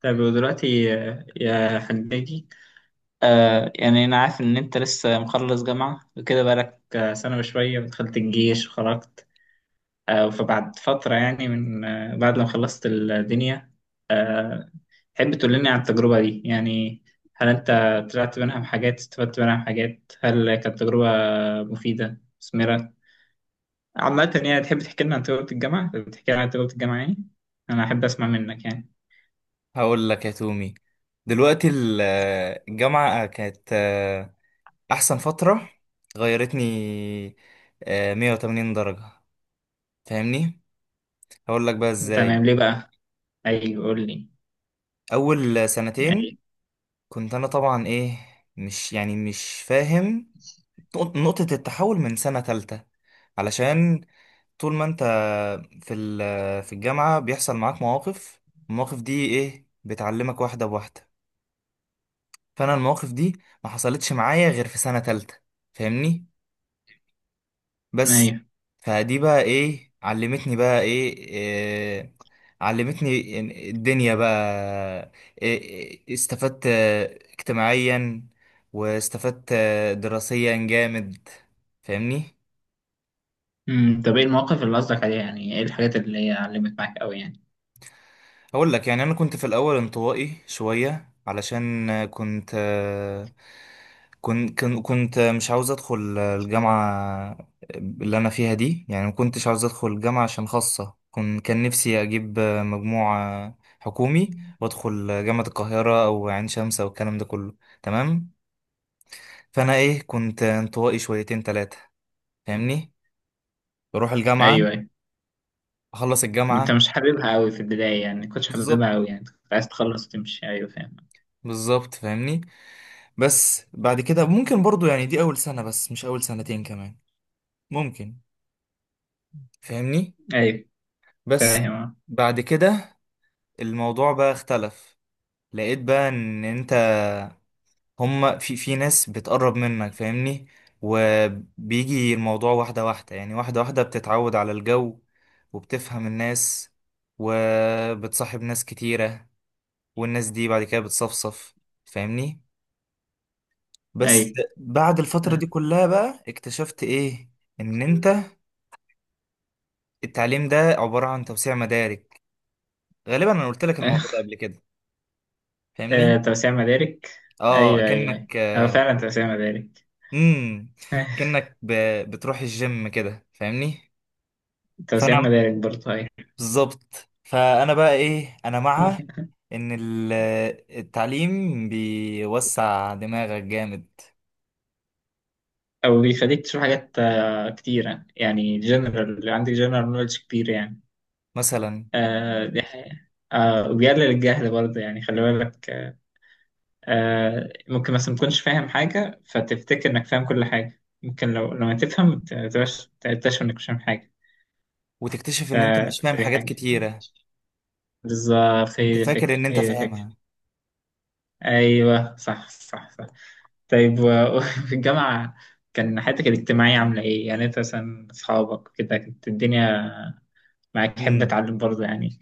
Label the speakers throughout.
Speaker 1: طيب ودلوقتي يا حجاجي. يعني أنا عارف إن أنت لسه مخلص جامعة وكده بقالك سنة وشوية، ودخلت الجيش وخرجت. فبعد فترة يعني من بعد ما خلصت الدنيا آه تحب تقول لنا عن التجربة دي يعني؟ هل أنت طلعت منها بحاجات؟ استفدت منها بحاجات؟ هل كانت تجربة مفيدة مثمرة عامة يعني؟ تحب تحكي لنا عن تجربة الجامعة، يعني أنا أحب أسمع منك يعني.
Speaker 2: هقول لك يا تومي. دلوقتي الجامعة كانت أحسن فترة. غيرتني 180 درجة. فاهمني؟ هقول لك بقى إزاي.
Speaker 1: تمام، ليه بقى؟ أيوه قول لي.
Speaker 2: أول سنتين
Speaker 1: أيوه.
Speaker 2: كنت أنا طبعا إيه، مش، يعني، مش فاهم. نقطة التحول من سنة تالتة، علشان طول ما أنت في الجامعة بيحصل معاك مواقف. المواقف دي إيه، بتعلمك واحدة بواحدة. فانا المواقف دي ما حصلتش معايا غير في سنة تالتة. فاهمني؟ بس
Speaker 1: ايوه.
Speaker 2: فدي بقى ايه علمتني، بقى إيه. علمتني إن الدنيا بقى إيه. إيه، استفدت اجتماعيا، واستفدت دراسيا جامد. فاهمني؟
Speaker 1: امم. طب ايه المواقف اللي قصدك عليها يعني؟ ايه الحاجات اللي هي علمت معاك قوي يعني؟
Speaker 2: هقول لك. يعني انا كنت في الاول انطوائي شويه، علشان كنت مش عاوز ادخل الجامعه اللي انا فيها دي. يعني ما كنتش عاوز ادخل جامعه عشان خاصه كان نفسي اجيب مجموع حكومي، وادخل جامعه القاهره او عين شمس او الكلام ده كله. تمام. فانا ايه، كنت انطوائي شويتين ثلاثه. فاهمني؟ بروح الجامعه،
Speaker 1: ايوه، ايوه،
Speaker 2: اخلص
Speaker 1: انت
Speaker 2: الجامعه.
Speaker 1: مش حاببها قوي في البدايه يعني، كنتش
Speaker 2: بالظبط
Speaker 1: حاببها قوي يعني، كنت عايز تخلص وتمشي، ايوه فاهم.
Speaker 2: بالظبط. فاهمني؟ بس بعد كده ممكن برضو، يعني دي أول سنة بس، مش أول سنتين كمان. ممكن. فاهمني؟
Speaker 1: ايوه
Speaker 2: بس
Speaker 1: فاهم.
Speaker 2: بعد كده الموضوع بقى اختلف. لقيت بقى إن أنت، هما، في ناس بتقرب منك. فاهمني؟ وبيجي الموضوع واحدة واحدة، يعني واحدة واحدة بتتعود على الجو، وبتفهم الناس، وبتصاحب ناس كتيرة، والناس دي بعد كده بتصفصف. فاهمني؟ بس
Speaker 1: ايوه.
Speaker 2: بعد الفترة دي كلها بقى اكتشفت ايه، ان انت التعليم ده عبارة عن توسيع مدارك. غالبا انا قلت لك الموضوع ده قبل كده. فاهمني؟
Speaker 1: توسيع مدارك.
Speaker 2: اه،
Speaker 1: ايوه ايوه ايوه. هو فعلا توسيع مدارك.
Speaker 2: امم اكنك بتروح الجيم كده. فاهمني؟
Speaker 1: توسيع
Speaker 2: فانا
Speaker 1: مدارك برضه، ايوه.
Speaker 2: بالظبط، فانا بقى ايه، انا مع ان التعليم بيوسع دماغك جامد.
Speaker 1: او بيخليك تشوف حاجات كتيره، يعني جنرال، عندك جنرال نولج كتير يعني.
Speaker 2: مثلا
Speaker 1: دي حقيقة. وبيقلل الجهل برضه يعني، خلي بالك. ممكن مثلا متكونش فاهم حاجة فتفتكر إنك فاهم كل حاجة، ممكن لو لما تفهم تبقاش تكتشف إنك مش فاهم حاجة.
Speaker 2: وتكتشف
Speaker 1: ف...
Speaker 2: ان انت مش فاهم
Speaker 1: فدي
Speaker 2: حاجات
Speaker 1: حاجة.
Speaker 2: كتيرة.
Speaker 1: بالظبط، هي
Speaker 2: انت
Speaker 1: دي
Speaker 2: فاكر
Speaker 1: الفكرة،
Speaker 2: ان انت
Speaker 1: هي دي الفكرة.
Speaker 2: فاهمها.
Speaker 1: أيوه صح صح صح. طيب وفي الجامعة، كان حياتك الاجتماعية عاملة إيه؟ يعني أنت مثلا أصحابك كده، كانت الدنيا معاك حابة
Speaker 2: امم.
Speaker 1: أتعلم برضه يعني؟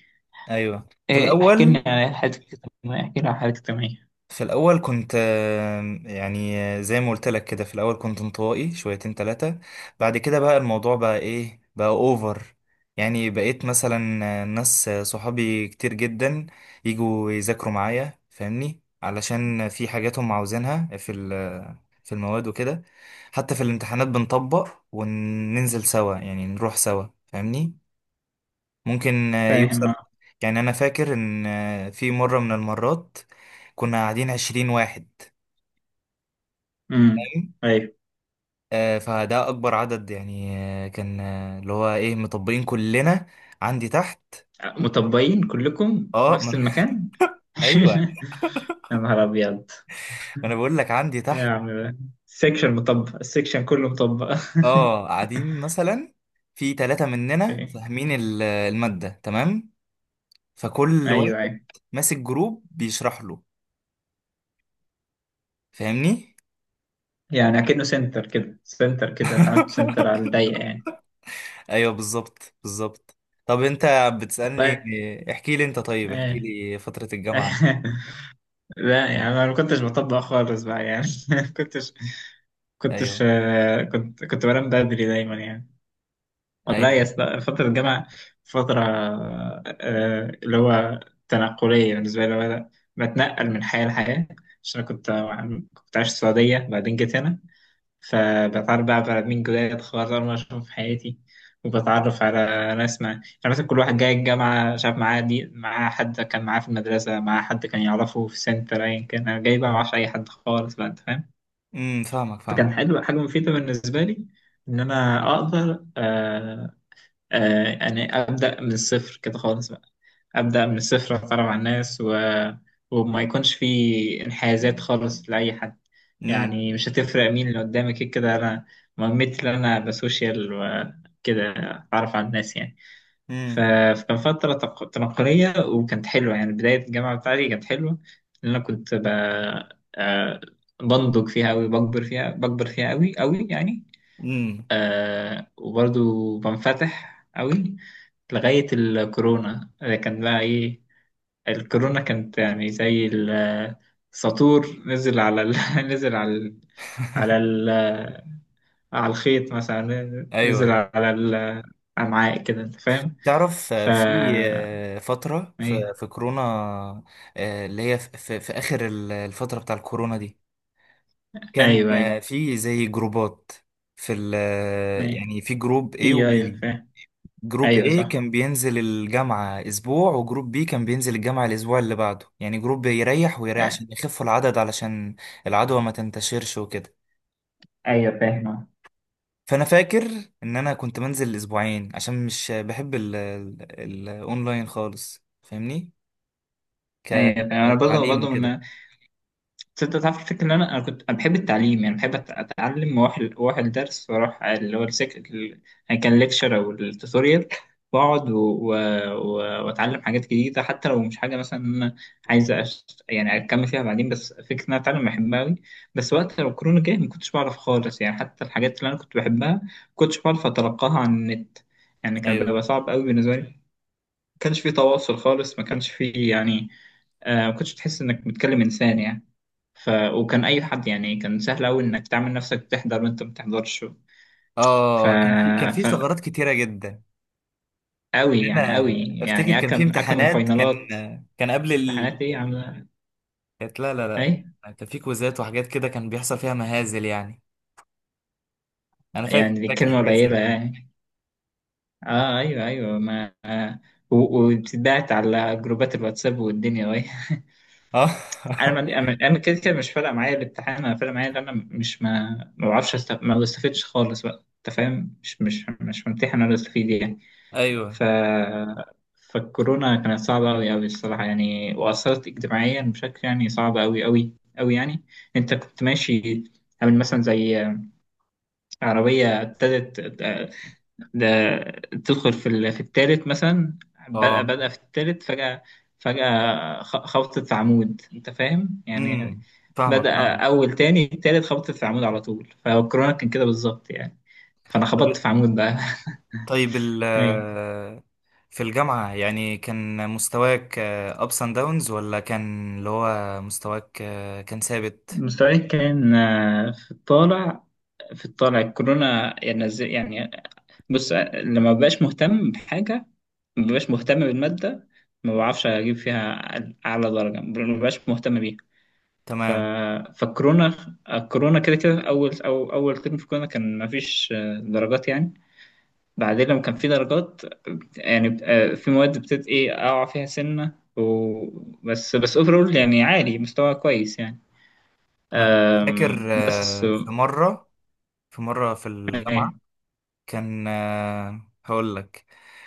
Speaker 2: ايوه في
Speaker 1: إيه، احكي لنا
Speaker 2: الاول.
Speaker 1: عن حياتك الاجتماعية،
Speaker 2: في الأول كنت يعني زي ما قلت لك كده. في الأول كنت انطوائي شويتين تلاتة. بعد كده بقى الموضوع بقى إيه، بقى أوفر. يعني بقيت مثلا ناس صحابي كتير جدا يجوا يذاكروا معايا. فاهمني؟ علشان في حاجات هم عاوزينها في ال- آه، في المواد وكده. حتى في الامتحانات بنطبق وننزل سوا، يعني نروح سوا. فاهمني؟ ممكن يوصل.
Speaker 1: فاهم أه.
Speaker 2: يعني أنا فاكر إن في مرة من المرات كنا قاعدين عشرين واحد.
Speaker 1: أمم.
Speaker 2: فاهم؟
Speaker 1: أيوه.
Speaker 2: فده أكبر عدد يعني. آه، كان آه، اللي هو إيه، مطبقين كلنا عندي تحت.
Speaker 1: مطبقين كلكم في
Speaker 2: أه ما
Speaker 1: نفس
Speaker 2: أنا-
Speaker 1: المكان؟
Speaker 2: أيوه.
Speaker 1: يا نهار أبيض،
Speaker 2: ما أنا بقول لك عندي
Speaker 1: يا
Speaker 2: تحت.
Speaker 1: عم. السكشن مطبق، السكشن كله مطبق.
Speaker 2: أه، قاعدين مثلا في ثلاثة مننا
Speaker 1: أوكي.
Speaker 2: فاهمين المادة تمام. فكل واحد
Speaker 1: أيوه أيوه،
Speaker 2: ماسك جروب بيشرح له. فاهمني؟
Speaker 1: يعني أكنه سنتر كده، أنت عملت سنتر على الضيق يعني.
Speaker 2: ايوه بالظبط بالظبط. طب انت بتسألني.
Speaker 1: والله.
Speaker 2: احكي لي انت، طيب احكي
Speaker 1: إيه.
Speaker 2: لي فترة الجامعة.
Speaker 1: لا يعني أنا ما كنتش بطبق خالص بقى يعني. كنتش كنتش
Speaker 2: ايوه
Speaker 1: كنت بنام بدري دايما يعني. والله يا
Speaker 2: ايوه.
Speaker 1: اسطى، فترة الجامعة فترة اللي هو تنقلية بالنسبة لي، اللي هو أنا بتنقل من حياة لحياة، عشان أنا كنت عايش في السعودية، بعدين جيت هنا. فبتعرف بقى على مين جداد خالص، أول مرة أشوفهم في حياتي. وبتعرف على ناس، مع يعني مثلا كل واحد جاي الجامعة شاف معاه، دي معاه حد كان معاه في المدرسة، معاه حد كان يعرفه في سنتر، أيا كان. أنا جاي بقى معرفش أي حد خالص بقى، أنت فاهم.
Speaker 2: امم. فاهمك فاهمك.
Speaker 1: فكان حلو، حاجة مفيدة بالنسبة لي، إن أنا أقدر يعني ابدا من الصفر كده خالص بقى، ابدا من الصفر، اتعرف على الناس و... وما يكونش في انحيازات خالص لاي حد. يعني
Speaker 2: امم.
Speaker 1: مش هتفرق مين اللي قدامك، كده كده انا مهمتي ان انا بسوشيال وكده، اتعرف على الناس يعني. ف...
Speaker 2: امم.
Speaker 1: فكان فتره تنقليه، وكانت حلوه يعني، بدايه الجامعه بتاعتي كانت حلوه، لان انا كنت آه، بنضج فيها قوي، بكبر فيها، قوي قوي يعني.
Speaker 2: امم.
Speaker 1: وبرضو بنفتح قوي لغاية الكورونا. كان بقى ايه، الكورونا كانت يعني زي السطور، نزل على ال... نزل على ال... على ال... آه، على الخيط مثلا، نزل
Speaker 2: ايوه.
Speaker 1: على ال- الأمعاء كده، انت فاهم.
Speaker 2: تعرف
Speaker 1: ف
Speaker 2: في فترة
Speaker 1: ايوه
Speaker 2: في في كورونا، اللي هي في، في اخر الفترة بتاع الكورونا دي. كان
Speaker 1: ايوه ايوه.
Speaker 2: في زي جروبات في ال آه،
Speaker 1: ايوه.
Speaker 2: يعني في جروب A
Speaker 1: في، ايوه
Speaker 2: وB.
Speaker 1: فاهم.
Speaker 2: جروب
Speaker 1: ايوه
Speaker 2: A
Speaker 1: صح
Speaker 2: كان بينزل الجامعة أسبوع، وجروب B كان بينزل الجامعة الأسبوع اللي بعده. يعني جروب يريح ويريح
Speaker 1: آه،
Speaker 2: عشان يخفوا العدد، علشان العدوى ما تنتشرش وكده.
Speaker 1: ايوه فاهم
Speaker 2: فأنا فاكر إن أنا كنت منزل أسبوعين، عشان مش بحب الأونلاين خالص. فاهمني؟
Speaker 1: ايوه فاهم. انا برضه
Speaker 2: كتعليم كده.
Speaker 1: من، بس انت تعرف الفكرة ان انا، كنت انا بحب التعليم يعني، بحب اتعلم، واروح، الدرس، واروح اللي هو يعني، كان ليكشر او التوتوريال، واقعد واتعلم حاجات جديده، حتى لو مش حاجه مثلا انا عايز يعني اكمل فيها بعدين، بس فكره ان انا اتعلم بحبها قوي. بس وقت لو الكورونا جه ما كنتش بعرف خالص يعني، حتى الحاجات اللي انا كنت بحبها ما كنتش بعرف اتلقاها عن النت، يعني كان
Speaker 2: أيوه.
Speaker 1: بيبقى صعب قوي بالنسبه لي، ما كانش في تواصل خالص، ما كانش في يعني ما كنتش تحس انك بتكلم انسان يعني. وكان اي حد يعني، كان سهل قوي انك تعمل نفسك بتحضر وانت ما بتحضرش. ف...
Speaker 2: آه، كان في
Speaker 1: ف
Speaker 2: ثغرات كتيرة جدا.
Speaker 1: قوي
Speaker 2: يعني
Speaker 1: يعني،
Speaker 2: أنا أفتكر كان في
Speaker 1: اكم
Speaker 2: امتحانات. كان
Speaker 1: الفاينالات.
Speaker 2: كان قبل ال...
Speaker 1: امتحانات ايه عامله؟
Speaker 2: كانت- لا لا
Speaker 1: اي
Speaker 2: لا. كان في كويزات وحاجات كده، كان بيحصل فيها مهازل يعني. انا فاكر
Speaker 1: يعني، دي
Speaker 2: فاكر
Speaker 1: كلمه
Speaker 2: حاجات زي
Speaker 1: قليله
Speaker 2: كده.
Speaker 1: يعني. اه ايوه ايوه، ما وبتتبعت على جروبات الواتساب والدنيا وهي.
Speaker 2: اه.
Speaker 1: انا ما... انا، كده كده مش فارقه معايا الامتحان، انا فارقه معايا ان انا مش، ما بعرفش ما بستفدش خالص بقى، انت فاهم، مش ممتحن ولا استفيد يعني.
Speaker 2: ايوه.
Speaker 1: ف فالكورونا كانت صعبة أوي أوي الصراحة يعني، وأثرت اجتماعيا بشكل يعني صعب أوي أوي أوي يعني. أنت كنت ماشي، عامل مثلا زي عربية ابتدت، ده تدخل في في التالت مثلا،
Speaker 2: اه.
Speaker 1: بدأ في التالت فجأة، فجأة خبطت في عمود، أنت فاهم يعني.
Speaker 2: امم. فاهمك
Speaker 1: بدأ
Speaker 2: فاهمك.
Speaker 1: أول، تاني التالت خبطت في عمود على طول، فالكورونا كان كده بالظبط يعني، فأنا
Speaker 2: طب
Speaker 1: خبطت في عمود بقى.
Speaker 2: طيب
Speaker 1: أيوة.
Speaker 2: في الجامعة، يعني كان مستواك ups and downs، ولا كان اللي هو مستواك كان ثابت.
Speaker 1: مستواي كان في الطالع، الكورونا يعني يعني بص، لما ببقاش مهتم بحاجة، ما ببقاش مهتم بالمادة، ما بعرفش أجيب فيها أعلى درجة، ما ببقاش مهتم بيها. ف...
Speaker 2: تمام.
Speaker 1: فالكورونا، الكورونا كده كده، أول أو أول ترم في الكورونا كان ما فيش درجات يعني. بعدين لما كان في درجات، يعني في مواد بتت إيه أقع فيها سنة و... بس أوفرول يعني عالي، مستوى كويس يعني،
Speaker 2: انا كنت فاكر
Speaker 1: بس.
Speaker 2: في مرة، في
Speaker 1: أيوه
Speaker 2: الجامعة كان هقول لك.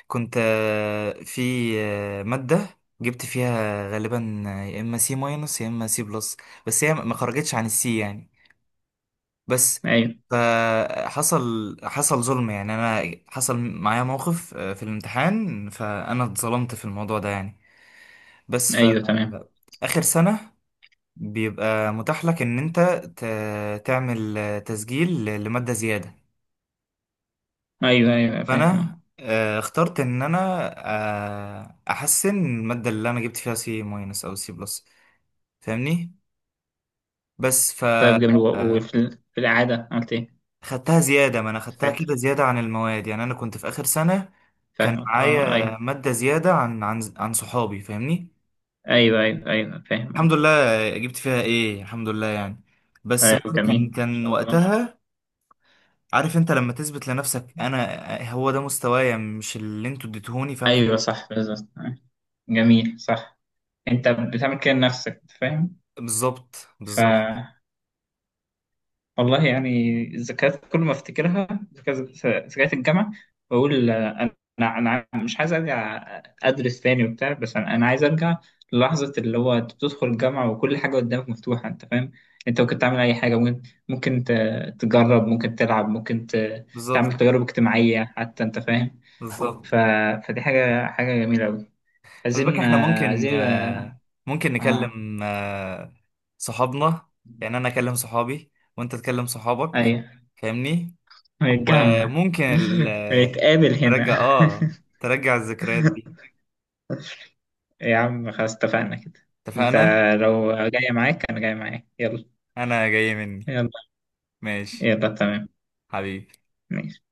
Speaker 2: كنت آه، في آه، مادة جبت فيها غالبا يا اما سي ماينس يا اما سي بلس. بس هي ما خرجتش عن السي يعني. بس
Speaker 1: أيوه
Speaker 2: حصل ظلم يعني. انا حصل معايا موقف في الامتحان، فانا اتظلمت في الموضوع ده يعني. بس ف،
Speaker 1: أيوه تمام.
Speaker 2: اخر سنة بيبقى متاح لك ان انت تعمل تسجيل لمادة زيادة.
Speaker 1: أيوه أيوه فاهم.
Speaker 2: فانا اخترت ان انا احسن الماده اللي انا جبت فيها سي ماينس او سي بلس. فاهمني؟ بس ف
Speaker 1: طيب جميل،
Speaker 2: آه،
Speaker 1: وفي في الإعادة عملت إيه
Speaker 2: خدتها زياده. ما انا خدتها
Speaker 1: ساعتها؟
Speaker 2: كده زياده عن المواد، يعني انا كنت في اخر سنه. كان
Speaker 1: فاهمك أه. أيوه
Speaker 2: معايا ماده زياده عن صحابي. فاهمني؟
Speaker 1: أيوه أيوه أيوه فاهم
Speaker 2: الحمد
Speaker 1: أه.
Speaker 2: لله. جبت فيها ايه الحمد لله يعني. بس
Speaker 1: أيوه
Speaker 2: بقى
Speaker 1: جميل
Speaker 2: كان
Speaker 1: إن
Speaker 2: كان
Speaker 1: شاء الله.
Speaker 2: وقتها، عارف انت، لما تثبت لنفسك انا هو ده مستوايا، مش اللي انتوا اديتهوني. فاهم
Speaker 1: أيوه
Speaker 2: حاجة؟
Speaker 1: صح بالظبط جميل صح. أنت بتعمل كده لنفسك، فاهم.
Speaker 2: بالظبط
Speaker 1: ف
Speaker 2: بالظبط
Speaker 1: والله يعني الذكريات، كل ما افتكرها ذكريات، ذكريات الجامعه، بقول انا، مش عايز ارجع ادرس تاني وبتاع، بس انا عايز ارجع للحظه اللي هو انت بتدخل الجامعه وكل حاجه قدامك مفتوحه، انت فاهم. انت ممكن تعمل اي حاجه، ممكن تجرب، ممكن تلعب، ممكن
Speaker 2: بالظبط
Speaker 1: تعمل تجارب اجتماعيه حتى، انت فاهم.
Speaker 2: بالظبط.
Speaker 1: ف... فدي حاجه، حاجه جميله قوي.
Speaker 2: خلي بالك
Speaker 1: عايزين
Speaker 2: احنا ممكن
Speaker 1: عايزين، اه
Speaker 2: ممكن
Speaker 1: آه،
Speaker 2: نكلم صحابنا. يعني انا اكلم صحابي وانت تكلم صحابك.
Speaker 1: ايوه
Speaker 2: فاهمني؟
Speaker 1: نتجمع.
Speaker 2: وممكن
Speaker 1: ونتقابل
Speaker 2: نرجع.
Speaker 1: هنا.
Speaker 2: اه، ترجع الذكريات دي.
Speaker 1: إيه يا عم، خلاص اتفقنا كده. انت
Speaker 2: اتفقنا.
Speaker 1: لو جاي معاك، انا جاي معاك، يلا
Speaker 2: انا جاي مني.
Speaker 1: يلا
Speaker 2: ماشي
Speaker 1: يلا تمام
Speaker 2: حبيبي.
Speaker 1: ماشي.